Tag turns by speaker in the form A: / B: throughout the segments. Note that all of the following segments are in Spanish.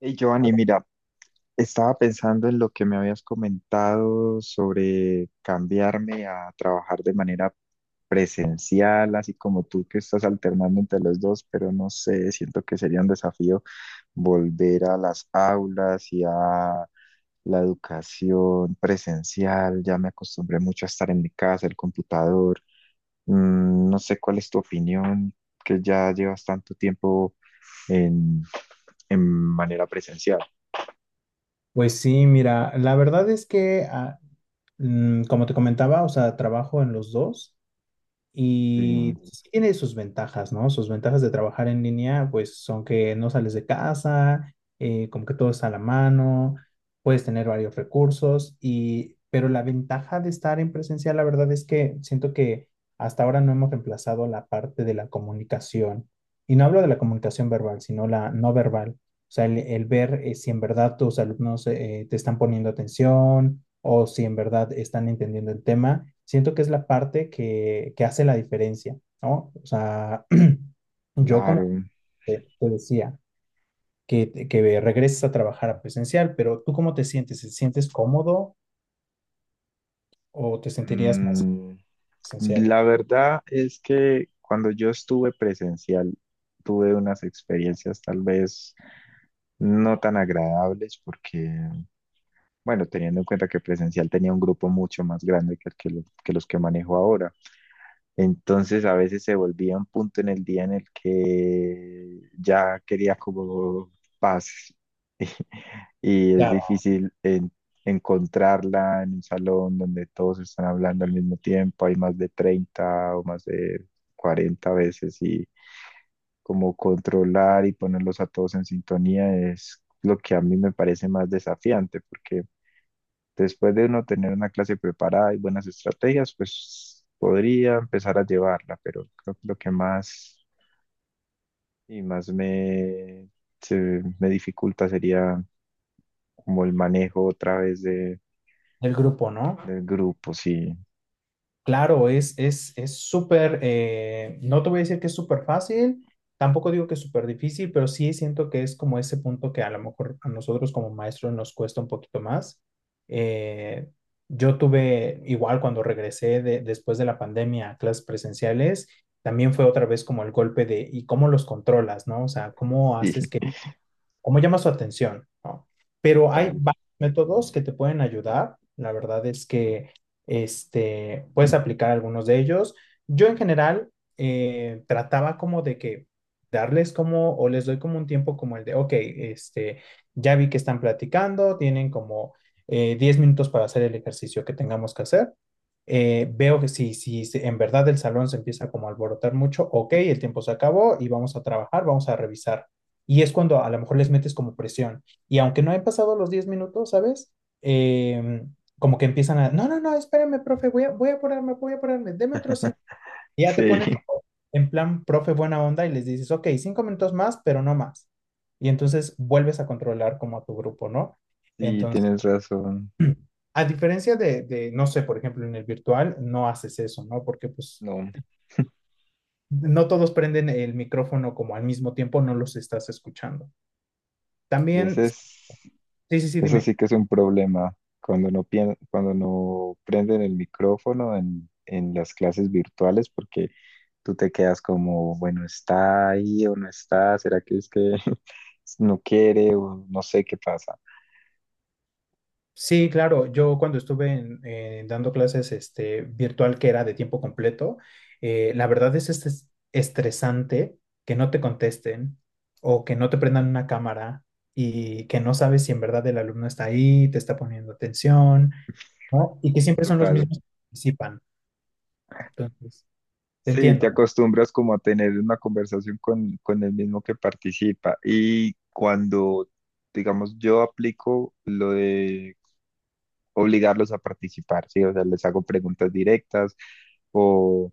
A: Hey, Giovanni, mira, estaba pensando en lo que me habías comentado sobre cambiarme a trabajar de manera presencial, así como tú que estás alternando entre los dos, pero no sé, siento que sería un desafío volver a las aulas y a la educación presencial. Ya me acostumbré mucho a estar en mi casa, el computador. Mm, no sé cuál es tu opinión, que ya llevas tanto tiempo en, en manera presencial.
B: Pues sí, mira, la verdad es que, como te comentaba, o sea, trabajo en los dos
A: Sí.
B: y pues sí tiene sus ventajas, ¿no? Sus ventajas de trabajar en línea, pues son que no sales de casa, como que todo está a la mano, puedes tener varios recursos y, pero la ventaja de estar en presencial, la verdad es que siento que hasta ahora no hemos reemplazado la parte de la comunicación. Y no hablo de la comunicación verbal, sino la no verbal, o sea, el ver, si en verdad tus alumnos te están poniendo atención o si en verdad están entendiendo el tema, siento que es la parte que hace la diferencia, ¿no? O sea, yo como
A: Claro.
B: te decía, que regreses a trabajar a presencial, pero ¿tú cómo te sientes? ¿Te sientes cómodo o te sentirías más
A: Mm,
B: presencial?
A: la verdad es que cuando yo estuve presencial, tuve unas experiencias tal vez no tan agradables porque, bueno, teniendo en cuenta que presencial tenía un grupo mucho más grande que los que manejo ahora. Entonces a veces se volvía un punto en el día en el que ya quería como paz y es
B: Claro,
A: difícil encontrarla en un salón donde todos están hablando al mismo tiempo, hay más de 30 o más de 40 veces y como controlar y ponerlos a todos en sintonía es lo que a mí me parece más desafiante porque después de uno tener una clase preparada y buenas estrategias, pues podría empezar a llevarla, pero creo que lo que más y más me dificulta sería como el manejo otra vez
B: el grupo, ¿no?
A: del grupo, sí,
B: Claro, es súper, no te voy a decir que es súper fácil, tampoco digo que es súper difícil, pero sí siento que es como ese punto que a lo mejor a nosotros como maestros nos cuesta un poquito más. Eh, yo tuve, igual cuando regresé de- después de la pandemia a clases presenciales, también fue otra vez como el golpe de, ¿y cómo los controlas, no? O sea, ¿cómo
A: sí,
B: haces cómo llama su atención, ¿no? Pero hay
A: total,
B: varios métodos que te pueden ayudar. La verdad es que este, puedes aplicar algunos de ellos. Yo en general, trataba como de que darles como, o les doy como un tiempo como el de, ok, este, ya vi que están platicando, tienen como 10 minutos para hacer el ejercicio que tengamos que hacer. Veo que si, si se- en verdad el salón se empieza como a alborotar mucho, ok, el tiempo se acabó y vamos a trabajar, vamos a revisar, y es cuando a lo mejor les metes como presión. Y aunque no he pasado los 10 minutos, ¿sabes? Eh, como que empiezan a, no, no, no, espérame, profe, voy a apurarme, deme otro cinco. Y ya te
A: sí,
B: pones como en plan, profe, buena onda, y les dices, ok, cinco minutos más, pero no más. Y entonces vuelves a controlar como a tu grupo, ¿no?
A: sí,
B: Entonces,
A: tienes razón,
B: a diferencia de, no sé, por ejemplo, en el virtual, no haces eso, ¿no? Porque pues
A: no,
B: no todos prenden el micrófono como al mismo tiempo, no los estás escuchando.
A: y
B: También,
A: ese es,
B: sí, sí,
A: eso
B: dime.
A: sí que es un problema, cuando no prenden el micrófono en las clases virtuales, porque tú te quedas como, bueno, ¿está ahí o no está? ¿Será que es que no quiere o no sé qué pasa?
B: Sí, claro. Yo cuando estuve en- dando clases este, virtual que era de tiempo completo, la verdad es estres- estresante que no te contesten o que no te prendan una cámara y que no sabes si en verdad el alumno está ahí, te está poniendo atención, ¿no? Y que siempre son los
A: Total.
B: mismos que participan. Entonces, te
A: Sí, te
B: entiendo.
A: acostumbras como a tener una conversación con el mismo que participa. Y cuando, digamos, yo aplico lo de obligarlos a participar, ¿sí? O sea, les hago preguntas directas o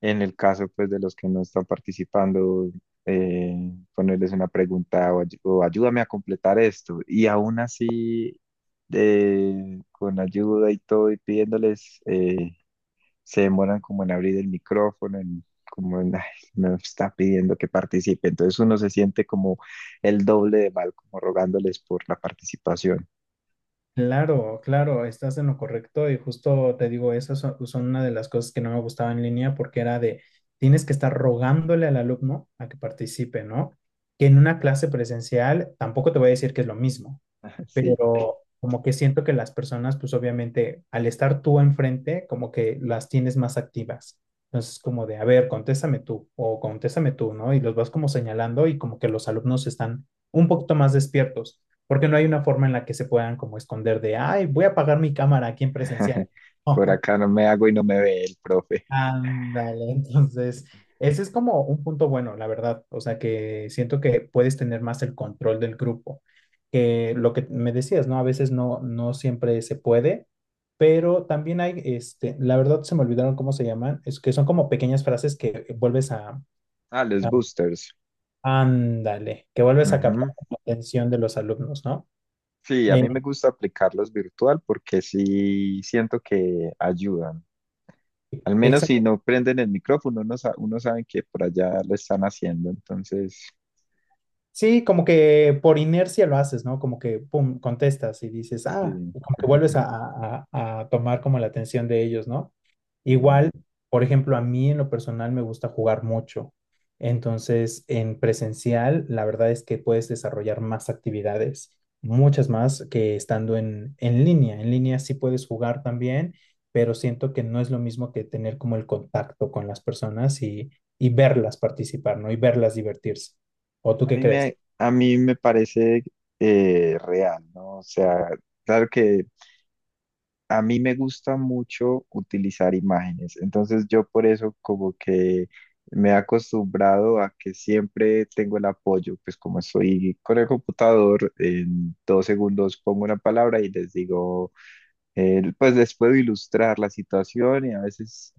A: en el caso, pues, de los que no están participando, eh, ponerles una pregunta o o ayúdame a completar esto. Y aún así, con ayuda y todo, y pidiéndoles, se demoran como en abrir el micrófono, en, como en, "Ay, me está pidiendo que participe". Entonces uno se siente como el doble de mal, como rogándoles por la participación.
B: Claro, claro, estás en lo correcto y justo te digo, esas son, son una de las cosas que no me gustaba en línea porque era de, tienes que estar rogándole al alumno a que participe, ¿no? Que en una clase presencial tampoco te voy a decir que es lo mismo,
A: Sí,
B: pero como que siento que las personas, pues obviamente, al estar tú enfrente, como que las tienes más activas. Entonces, como de, a ver, contéstame tú o contéstame tú, ¿no? Y los vas como señalando y como que los alumnos están un poquito más despiertos, porque no hay una forma en la que se puedan como esconder de, ay, voy a apagar mi cámara aquí en presencial.
A: por acá no me hago y no me ve el profe.
B: Ándale, entonces, ese es como un punto bueno, la verdad. O sea, que siento que puedes tener más el control del grupo. Que lo que me decías, ¿no? A veces no, no siempre se puede, pero también hay, este, la verdad se me olvidaron cómo se llaman, es que son como pequeñas frases que vuelves
A: Ah, los
B: a-
A: boosters.
B: ándale, que vuelves a captar la atención de los alumnos, ¿no?
A: Sí, a mí me gusta aplicarlos virtual porque sí siento que ayudan. Al
B: Eh,
A: menos si no prenden el micrófono, uno, uno sabe que por allá lo están haciendo. Entonces,
B: sí, como que por inercia lo haces, ¿no? Como que, pum, contestas y dices, ah,
A: sí,
B: y como que vuelves a, a tomar como la atención de ellos, ¿no?
A: sí.
B: Igual, por ejemplo, a mí en lo personal me gusta jugar mucho. Entonces, en presencial, la verdad es que puedes desarrollar más actividades, muchas más que estando en línea. En línea sí puedes jugar también, pero siento que no es lo mismo que tener como el contacto con las personas y verlas participar, ¿no? Y verlas divertirse. ¿O tú qué crees?
A: A mí me parece real, ¿no? O sea, claro que a mí me gusta mucho utilizar imágenes, entonces yo por eso como que me he acostumbrado a que siempre tengo el apoyo, pues como estoy con el computador, en 2 segundos pongo una palabra y les digo, pues les puedo ilustrar la situación y a veces,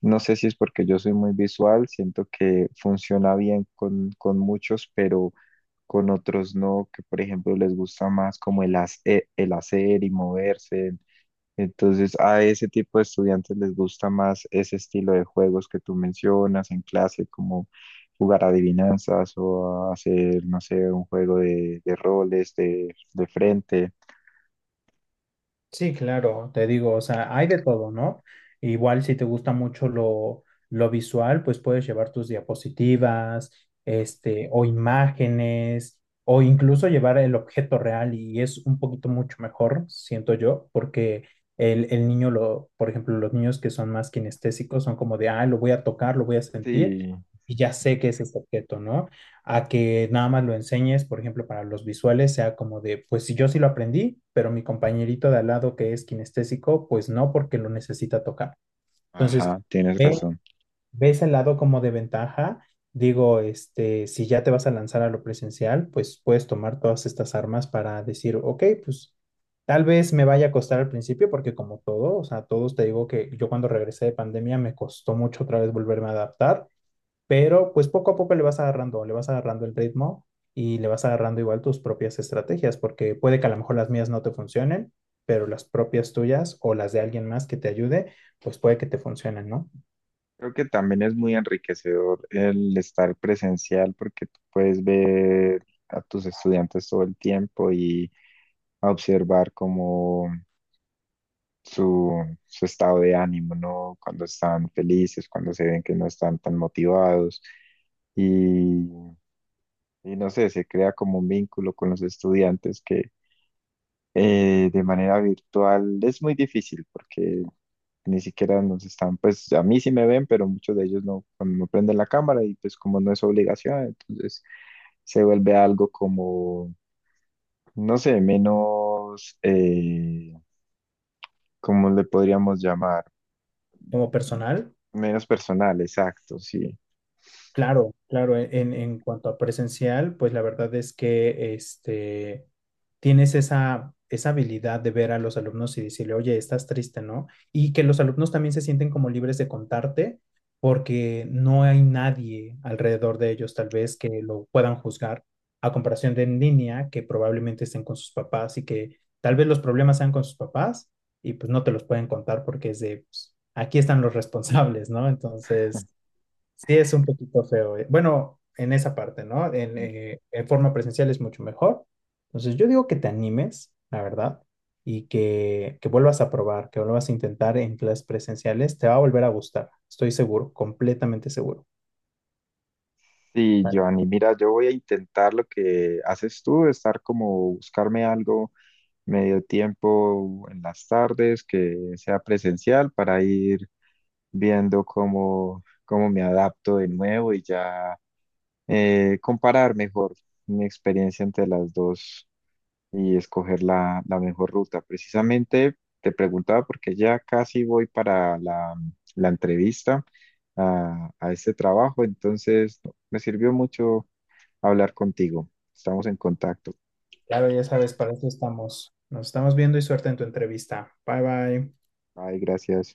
A: no sé si es porque yo soy muy visual, siento que funciona bien con muchos, pero con otros no, que por ejemplo les gusta más como el hacer y moverse. Entonces, a ese tipo de estudiantes les gusta más ese estilo de juegos que tú mencionas en clase, como jugar adivinanzas o a hacer, no sé, un juego de roles de frente.
B: Sí, claro, te digo, o sea, hay de todo, ¿no? Igual si te gusta mucho lo visual, pues puedes llevar tus diapositivas, este, o imágenes, o incluso llevar el objeto real y es un poquito mucho mejor, siento yo, porque el niño, lo, por ejemplo, los niños que son más kinestésicos son como de, ah, lo voy a tocar, lo voy a sentir
A: Sí,
B: y ya sé que es este objeto, ¿no? A que nada más lo enseñes, por ejemplo, para los visuales, sea como de, pues si yo sí lo aprendí, pero mi compañerito de al lado que es kinestésico, pues no, porque lo necesita tocar. Entonces,
A: ajá, tienes
B: ve,
A: razón.
B: ves el lado como de ventaja. Digo, este, si ya te vas a lanzar a lo presencial, pues puedes tomar todas estas armas para decir, ok, pues tal vez me vaya a costar al principio, porque como todo, o sea, todos te digo que yo cuando regresé de pandemia me costó mucho otra vez volverme a adaptar, pero pues poco a poco le vas agarrando el ritmo y le vas agarrando igual tus propias estrategias, porque puede que a lo mejor las mías no te funcionen, pero las propias tuyas o las de alguien más que te ayude, pues puede que te funcionen, ¿no?
A: Creo que también es muy enriquecedor el estar presencial porque tú puedes ver a tus estudiantes todo el tiempo y observar cómo su, su estado de ánimo, ¿no? Cuando están felices, cuando se ven que no están tan motivados y, y no sé, se crea como un vínculo con los estudiantes que de manera virtual es muy difícil porque ni siquiera nos están, pues a mí sí me ven, pero muchos de ellos no, no prenden la cámara y pues como no es obligación, entonces se vuelve algo como, no sé, menos, ¿cómo le podríamos llamar?
B: Como personal,
A: Menos personal, exacto, sí.
B: claro, claro, e-, en cuanto a presencial, pues la verdad es que este, tienes esa, esa habilidad de ver a los alumnos y decirle, oye, estás triste, ¿no? Y que los alumnos también se sienten como libres de contarte porque no hay nadie alrededor de ellos tal vez que lo puedan juzgar a comparación de en línea que probablemente estén con sus papás y que tal vez los problemas sean con sus papás y pues no te los pueden contar porque es de, pues, aquí están los responsables, ¿no? Entonces, sí, es un poquito feo. Bueno, en esa parte, ¿no? En forma presencial es mucho mejor. Entonces, yo digo que te animes, la verdad, y que vuelvas a probar, que vuelvas a intentar en clases presenciales. Te va a volver a gustar, estoy seguro, completamente seguro.
A: Sí,
B: Vale.
A: Joanny, mira, yo voy a intentar lo que haces tú, estar como buscarme algo medio tiempo en las tardes que sea presencial para ir viendo cómo, cómo me adapto de nuevo y ya comparar mejor mi experiencia entre las dos y escoger la mejor ruta. Precisamente te preguntaba porque ya casi voy para la entrevista a este trabajo, entonces me sirvió mucho hablar contigo. Estamos en contacto.
B: Claro, ya sabes, para eso estamos. Nos estamos viendo y suerte en tu entrevista. Bye, bye.
A: Ay, gracias.